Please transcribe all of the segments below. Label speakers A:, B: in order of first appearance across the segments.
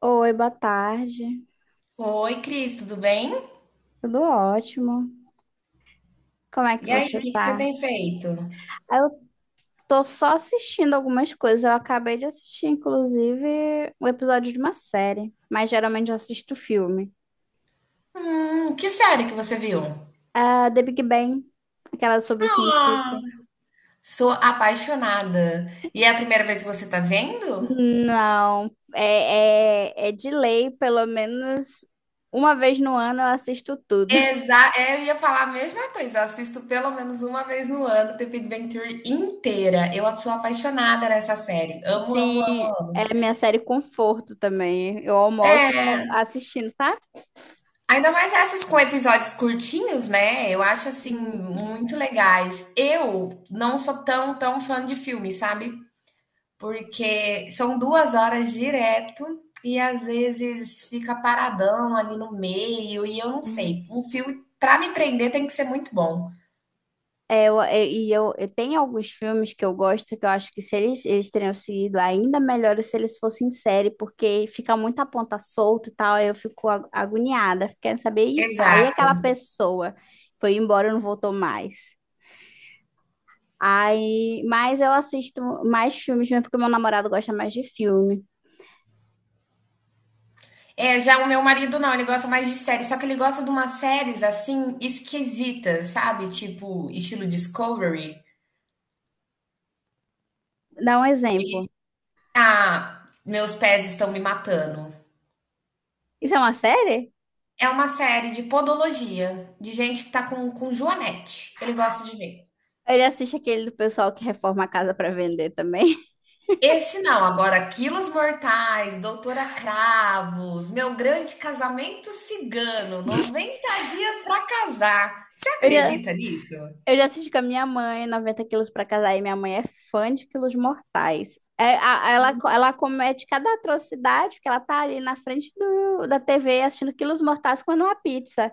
A: Oi, boa tarde.
B: Oi, Cris, tudo bem?
A: Tudo ótimo. Como é que
B: E aí, o
A: você
B: que que você
A: tá?
B: tem feito?
A: Ah, eu tô só assistindo algumas coisas. Eu acabei de assistir, inclusive, um episódio de uma série, mas geralmente eu assisto filme.
B: Que série que você viu?
A: Ah, The Big Bang, aquela sobre os cientistas.
B: Sou apaixonada. E é a primeira vez que você tá vendo?
A: Não, é de lei, pelo menos uma vez no ano eu assisto tudo.
B: Eu ia falar a mesma coisa. Eu assisto pelo menos uma vez no ano, The Big Bang Theory inteira. Eu sou apaixonada nessa série. Amo, amo, amo,
A: Sim,
B: amo.
A: é minha série conforto também. Eu almoço assistindo, sabe?
B: Ainda mais essas com episódios curtinhos, né? Eu acho assim muito legais. Eu não sou tão fã de filme, sabe? Porque são 2 horas direto e às vezes fica paradão ali no meio e eu não
A: Hum.
B: sei. Um filme para me prender tem que ser muito bom.
A: Eu tenho alguns filmes que eu gosto, que eu acho que se eles teriam seguido ainda melhor se eles fossem em série, porque fica muita ponta solta e tal, aí eu fico agoniada, querendo saber, e tá, e
B: Exato.
A: aquela pessoa foi embora e não voltou mais. Aí, mas eu assisto mais filmes mesmo porque meu namorado gosta mais de filme.
B: É, já o meu marido não, ele gosta mais de séries, só que ele gosta de umas séries assim esquisitas, sabe? Tipo, estilo Discovery.
A: Dá um
B: Ele,
A: exemplo.
B: ah, meus pés estão me matando.
A: Isso é uma série?
B: É uma série de podologia, de gente que tá com joanete. Ele gosta de ver.
A: Ele assiste aquele do pessoal que reforma a casa pra vender também.
B: Esse não, agora Quilos Mortais, Doutora Cravos, Meu Grande Casamento Cigano, 90 dias para casar. Você
A: Eu já,
B: acredita nisso?
A: Eu já assisti com a minha mãe, 90 quilos pra casar, e minha mãe é fã de quilos mortais. É, ela comete cada atrocidade que ela tá ali na frente da TV assistindo quilos mortais comendo uma pizza.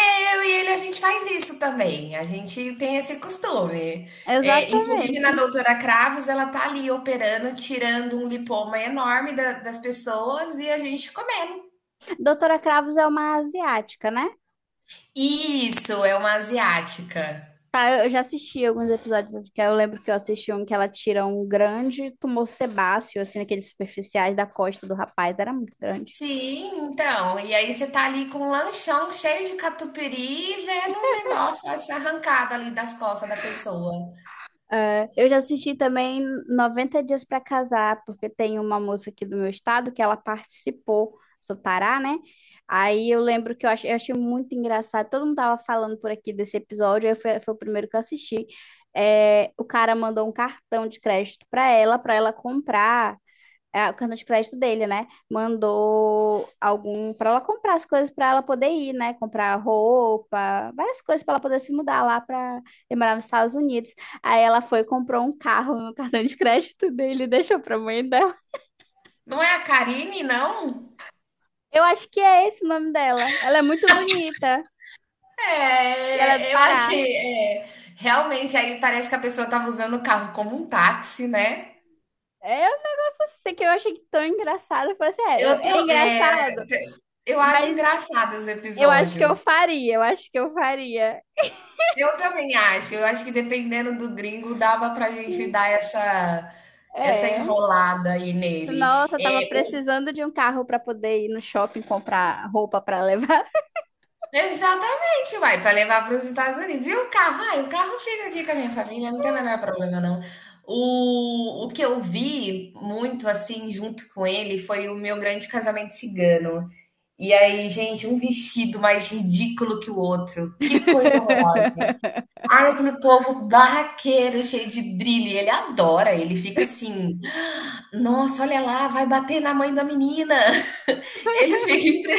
B: Eu e ele a gente faz isso também. A gente tem esse costume. É, inclusive na
A: Exatamente.
B: Doutora Cravos, ela tá ali operando, tirando um lipoma enorme das pessoas e a gente comendo.
A: Doutora Cravos é uma asiática, né?
B: Isso é uma asiática.
A: Tá, eu já assisti alguns episódios, que eu lembro que eu assisti um que ela tira um grande tumor sebáceo, assim, naqueles superficiais da costa do rapaz, era muito grande.
B: Sim, então, e aí você tá ali com um lanchão cheio de catupiry e vendo o negócio arrancado ali das costas da pessoa.
A: É, eu já assisti também 90 Dias para Casar, porque tem uma moça aqui do meu estado que ela participou, sou Pará, né? Aí eu lembro que eu achei muito engraçado, todo mundo tava falando por aqui desse episódio, aí foi o primeiro que eu assisti. É, o cara mandou um cartão de crédito para ela comprar, o cartão de crédito dele, né? Mandou algum para ela comprar as coisas para ela poder ir, né? Comprar roupa, várias coisas para ela poder se mudar lá para ele morar nos Estados Unidos. Aí ela foi e comprou um carro no cartão de crédito dele e deixou para mãe dela.
B: Não é a Karine, não?
A: Eu acho que é esse o nome dela. Ela é muito bonita e ela é do
B: É, eu
A: Pará.
B: achei, é, realmente aí parece que a pessoa tava usando o carro como um táxi, né?
A: É um negócio assim que eu achei tão engraçado. Eu falei assim,
B: Eu,
A: é
B: tô- é,
A: engraçado,
B: eu acho
A: mas
B: engraçado os
A: eu acho que
B: episódios.
A: eu faria, eu acho que eu faria.
B: Eu também acho, eu acho que dependendo do gringo dava pra gente dar essa
A: É.
B: enrolada aí nele.
A: Nossa, tava
B: É,
A: precisando de um carro para poder ir no shopping comprar roupa para levar.
B: exatamente, vai para levar para os Estados Unidos. E o carro? Ai, o carro fica aqui com a minha família, não tem o menor problema, não. O que eu vi muito, assim, junto com ele, foi o meu grande casamento cigano. E aí, gente, um vestido mais ridículo que o outro. Que coisa horrorosa. Ai, aquele povo barraqueiro, cheio de brilho. E ele adora, ele fica assim: "Ah, nossa, olha lá, vai bater na mãe da menina." Ele fica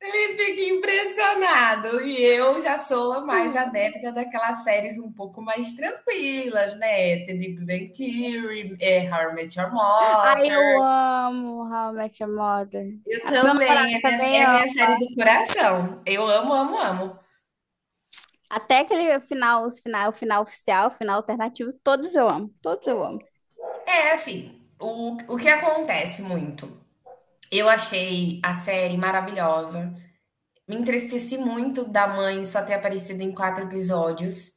B: ele fica impressionado. E eu já sou mais adepta daquelas séries um pouco mais tranquilas, né? The Big Bang Theory, é, How I Met Your
A: Ai, eu
B: Mother.
A: amo How I Met Your Mother.
B: Eu
A: O meu namorado
B: também,
A: também,
B: é
A: ó.
B: minha série do coração. Eu amo, amo, amo.
A: Até aquele final, o final oficial, o final alternativo, todos eu amo. Todos eu amo.
B: É assim, o que acontece muito? Eu achei a série maravilhosa. Me entristeci muito da mãe só ter aparecido em quatro episódios.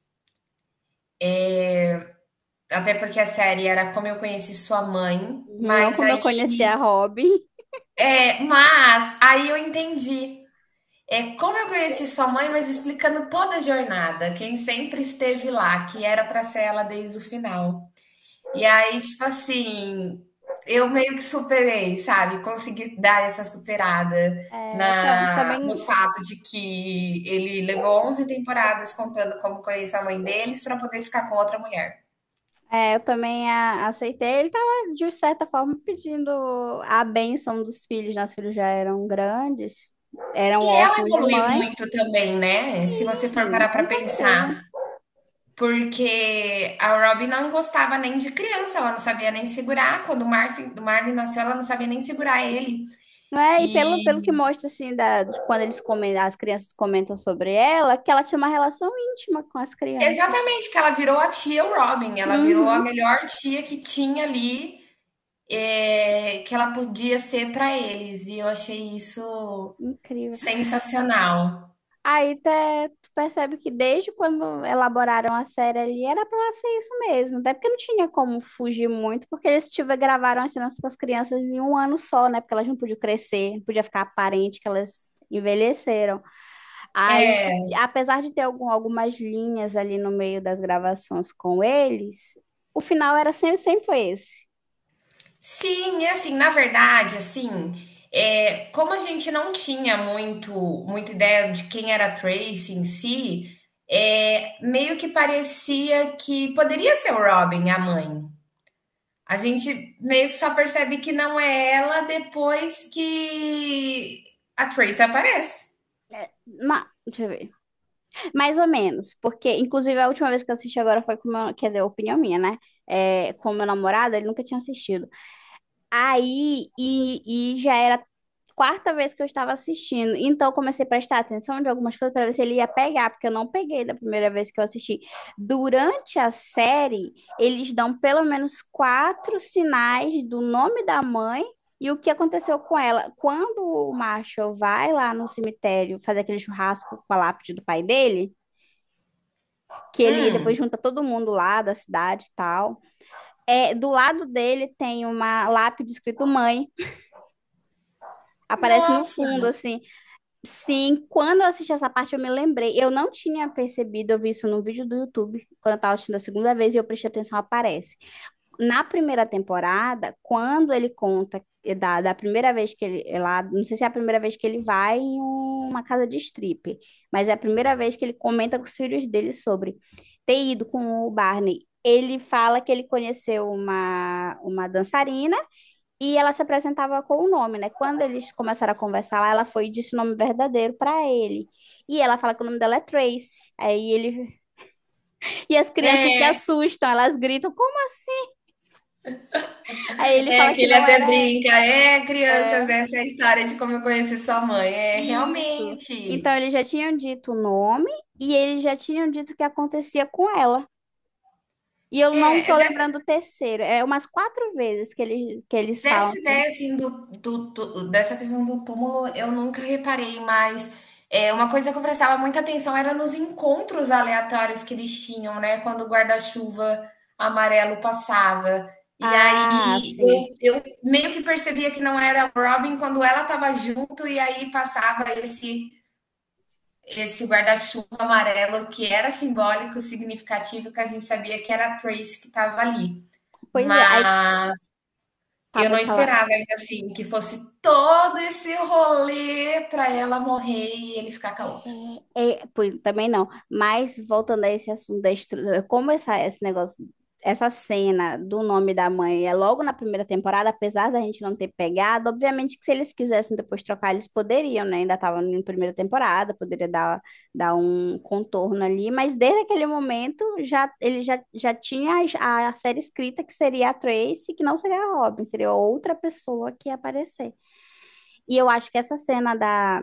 B: Até porque a série era como eu conheci sua mãe,
A: Uhum, não
B: mas
A: como eu conheci a Robin.
B: é, mas aí eu entendi. É, como eu conheci sua mãe, mas explicando toda a jornada, quem sempre esteve lá, que era para ser ela desde o final. E aí, tipo assim, eu meio que superei, sabe? Consegui dar essa superada
A: É, eu ta-
B: no
A: também,
B: fato de que ele levou 11 temporadas contando como conhece a mãe deles para poder ficar com outra mulher.
A: eu também aceitei. Ele tava, de certa forma, pedindo a bênção dos filhos. Nossos filhos já eram grandes, eram
B: E ela
A: órfãos de
B: evoluiu
A: mãe.
B: muito também, né? Se você for
A: Sim,
B: parar para
A: com certeza.
B: pensar. Porque a Robin não gostava nem de criança, ela não sabia nem segurar. Quando o Marvin nasceu, ela não sabia nem segurar ele.
A: Não é? E pelo,
B: E
A: pelo que mostra, assim, de quando eles comem, as crianças comentam sobre ela, que ela tinha uma relação íntima com as crianças.
B: exatamente, que ela virou a tia Robin, ela virou a
A: Uhum,
B: melhor tia que tinha ali, que ela podia ser para eles. E eu achei isso
A: incrível.
B: sensacional.
A: Aí até tu percebe que desde quando elaboraram a série ali, era pra ela ser isso mesmo. Até porque não tinha como fugir muito, porque eles tiveram, gravaram as cenas com as crianças em um ano só, né? Porque elas não podiam crescer, não podia ficar aparente que elas envelheceram. Aí,
B: É,
A: apesar de ter algumas linhas ali no meio das gravações com eles, o final era sempre foi esse.
B: sim, e assim, na verdade, assim, como a gente não tinha muito muita ideia de quem era a Tracy em si, meio que parecia que poderia ser o Robin, a mãe. A gente meio que só percebe que não é ela depois que a Tracy aparece.
A: É, deixa eu ver. Mais ou menos, porque inclusive a última vez que eu assisti agora foi com o meu, quer dizer, opinião minha, né? É, com o meu namorado, ele nunca tinha assistido. Aí, e já era a quarta vez que eu estava assistindo. Então, eu comecei a prestar atenção de algumas coisas para ver se ele ia pegar, porque eu não peguei da primeira vez que eu assisti. Durante a série, eles dão pelo menos quatro sinais do nome da mãe e o que aconteceu com ela. Quando o Marshall vai lá no cemitério fazer aquele churrasco com a lápide do pai dele, que ele depois
B: Hum,
A: junta todo mundo lá da cidade e tal. É, do lado dele tem uma lápide escrito mãe. Aparece no
B: nossa,
A: fundo, assim. Sim, quando eu assisti essa parte, eu me lembrei. Eu não tinha percebido, eu vi isso num vídeo do YouTube, quando eu tava assistindo a segunda vez, e eu prestei atenção, aparece. Na primeira temporada, quando ele conta, da primeira vez que ele é lá, não sei se é a primeira vez que ele vai em uma casa de strip, mas é a primeira vez que ele comenta com os filhos dele sobre ter ido com o Barney. Ele fala que ele conheceu uma dançarina e ela se apresentava com o nome, né? Quando eles começaram a conversar lá, ela foi e disse o nome verdadeiro para ele. E ela fala que o nome dela é Tracy. Aí ele. E as crianças se
B: é,
A: assustam, elas gritam, como? Aí ele
B: é
A: fala
B: que
A: que
B: ele
A: não
B: até
A: era ela.
B: brinca, é,
A: É,
B: crianças, essa é a história de como eu conheci sua mãe. É,
A: isso.
B: realmente.
A: Então eles já tinham dito o nome e eles já tinham dito o que acontecia com ela. E eu
B: É,
A: não
B: é
A: tô lembrando o terceiro. É umas quatro vezes que eles falam
B: Dessa
A: assim.
B: ideia, assim, dessa questão do túmulo, eu nunca reparei, mas é, uma coisa que eu prestava muita atenção era nos encontros aleatórios que eles tinham, né? Quando o guarda-chuva amarelo passava. E aí
A: Ah, sim.
B: eu meio que percebia que não era a Robin quando ela estava junto, e aí passava esse guarda-chuva amarelo que era simbólico, significativo, que a gente sabia que era a Trace que estava ali.
A: Pois é. Aí,
B: Mas
A: tá,
B: eu não
A: pode falar.
B: esperava ainda, assim, que fosse todo esse rolê para ela morrer e ele ficar com a outra.
A: Pois, também não. Mas voltando a esse assunto da estrutura, como essa, esse negócio, essa cena do nome da mãe é logo na primeira temporada, apesar da gente não ter pegado. Obviamente que se eles quisessem depois trocar, eles poderiam, né? Ainda estavam na primeira temporada, poderia dar um contorno ali, mas desde aquele momento já ele já tinha a série escrita que seria a Tracy, que não seria a Robin, seria outra pessoa que ia aparecer. E eu acho que essa cena da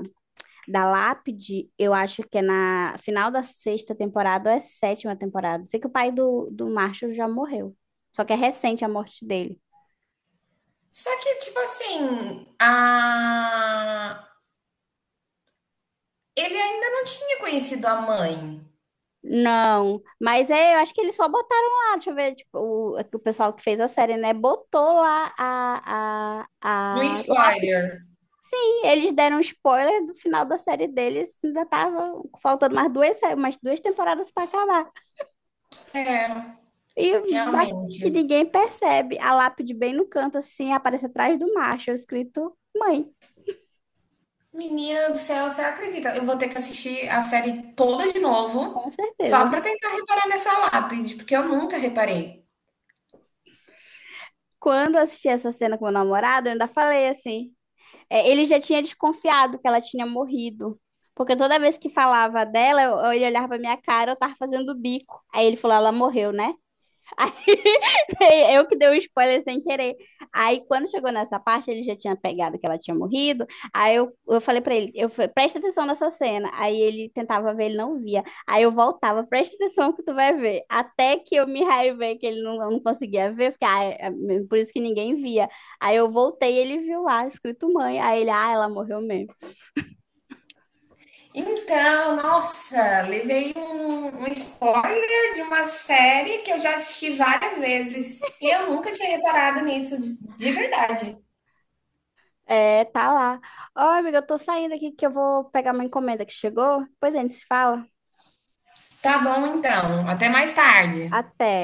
A: da lápide, eu acho que é na final da sexta temporada ou é sétima temporada. Sei que o pai do Marshall já morreu. Só que é recente a morte dele.
B: Só que, tipo assim, a... ele ainda não tinha conhecido a mãe.
A: Não, mas é, eu acho que eles só botaram lá, deixa eu ver, tipo, o pessoal que fez a série, né? Botou lá a,
B: Um
A: a, a lápide.
B: spoiler.
A: Sim, eles deram um spoiler do final da série deles, ainda tava faltando umas duas temporadas para acabar.
B: É,
A: E ba- que
B: realmente.
A: ninguém percebe. A lápide bem no canto, assim, aparece atrás do macho, escrito mãe,
B: Menina do céu, você acredita? Eu vou ter que assistir a série toda de novo
A: com
B: só
A: certeza.
B: para tentar reparar nessa lápide, porque eu nunca reparei.
A: Quando eu assisti essa cena com meu namorado, eu ainda falei assim. É, ele já tinha desconfiado que ela tinha morrido. Porque toda vez que falava dela, ele olhava pra minha cara, eu tava fazendo bico. Aí ele falou, ela morreu, né? Eu que dei o spoiler sem querer. Aí, quando chegou nessa parte, ele já tinha pegado que ela tinha morrido. Aí eu falei pra ele, eu falei, presta atenção nessa cena. Aí ele tentava ver, ele não via. Aí eu voltava, presta atenção que tu vai ver. Até que eu me raivei que ele não conseguia ver, porque é por isso que ninguém via. Aí eu voltei e ele viu lá, escrito mãe. Aí ele, ah, ela morreu mesmo.
B: Então, nossa, levei um spoiler de uma série que eu já assisti várias vezes e eu nunca tinha reparado nisso de verdade.
A: É, tá lá. Ó, amiga, eu tô saindo aqui que eu vou pegar uma encomenda que chegou. Depois a gente se fala.
B: Tá bom, então. Até mais tarde.
A: Até.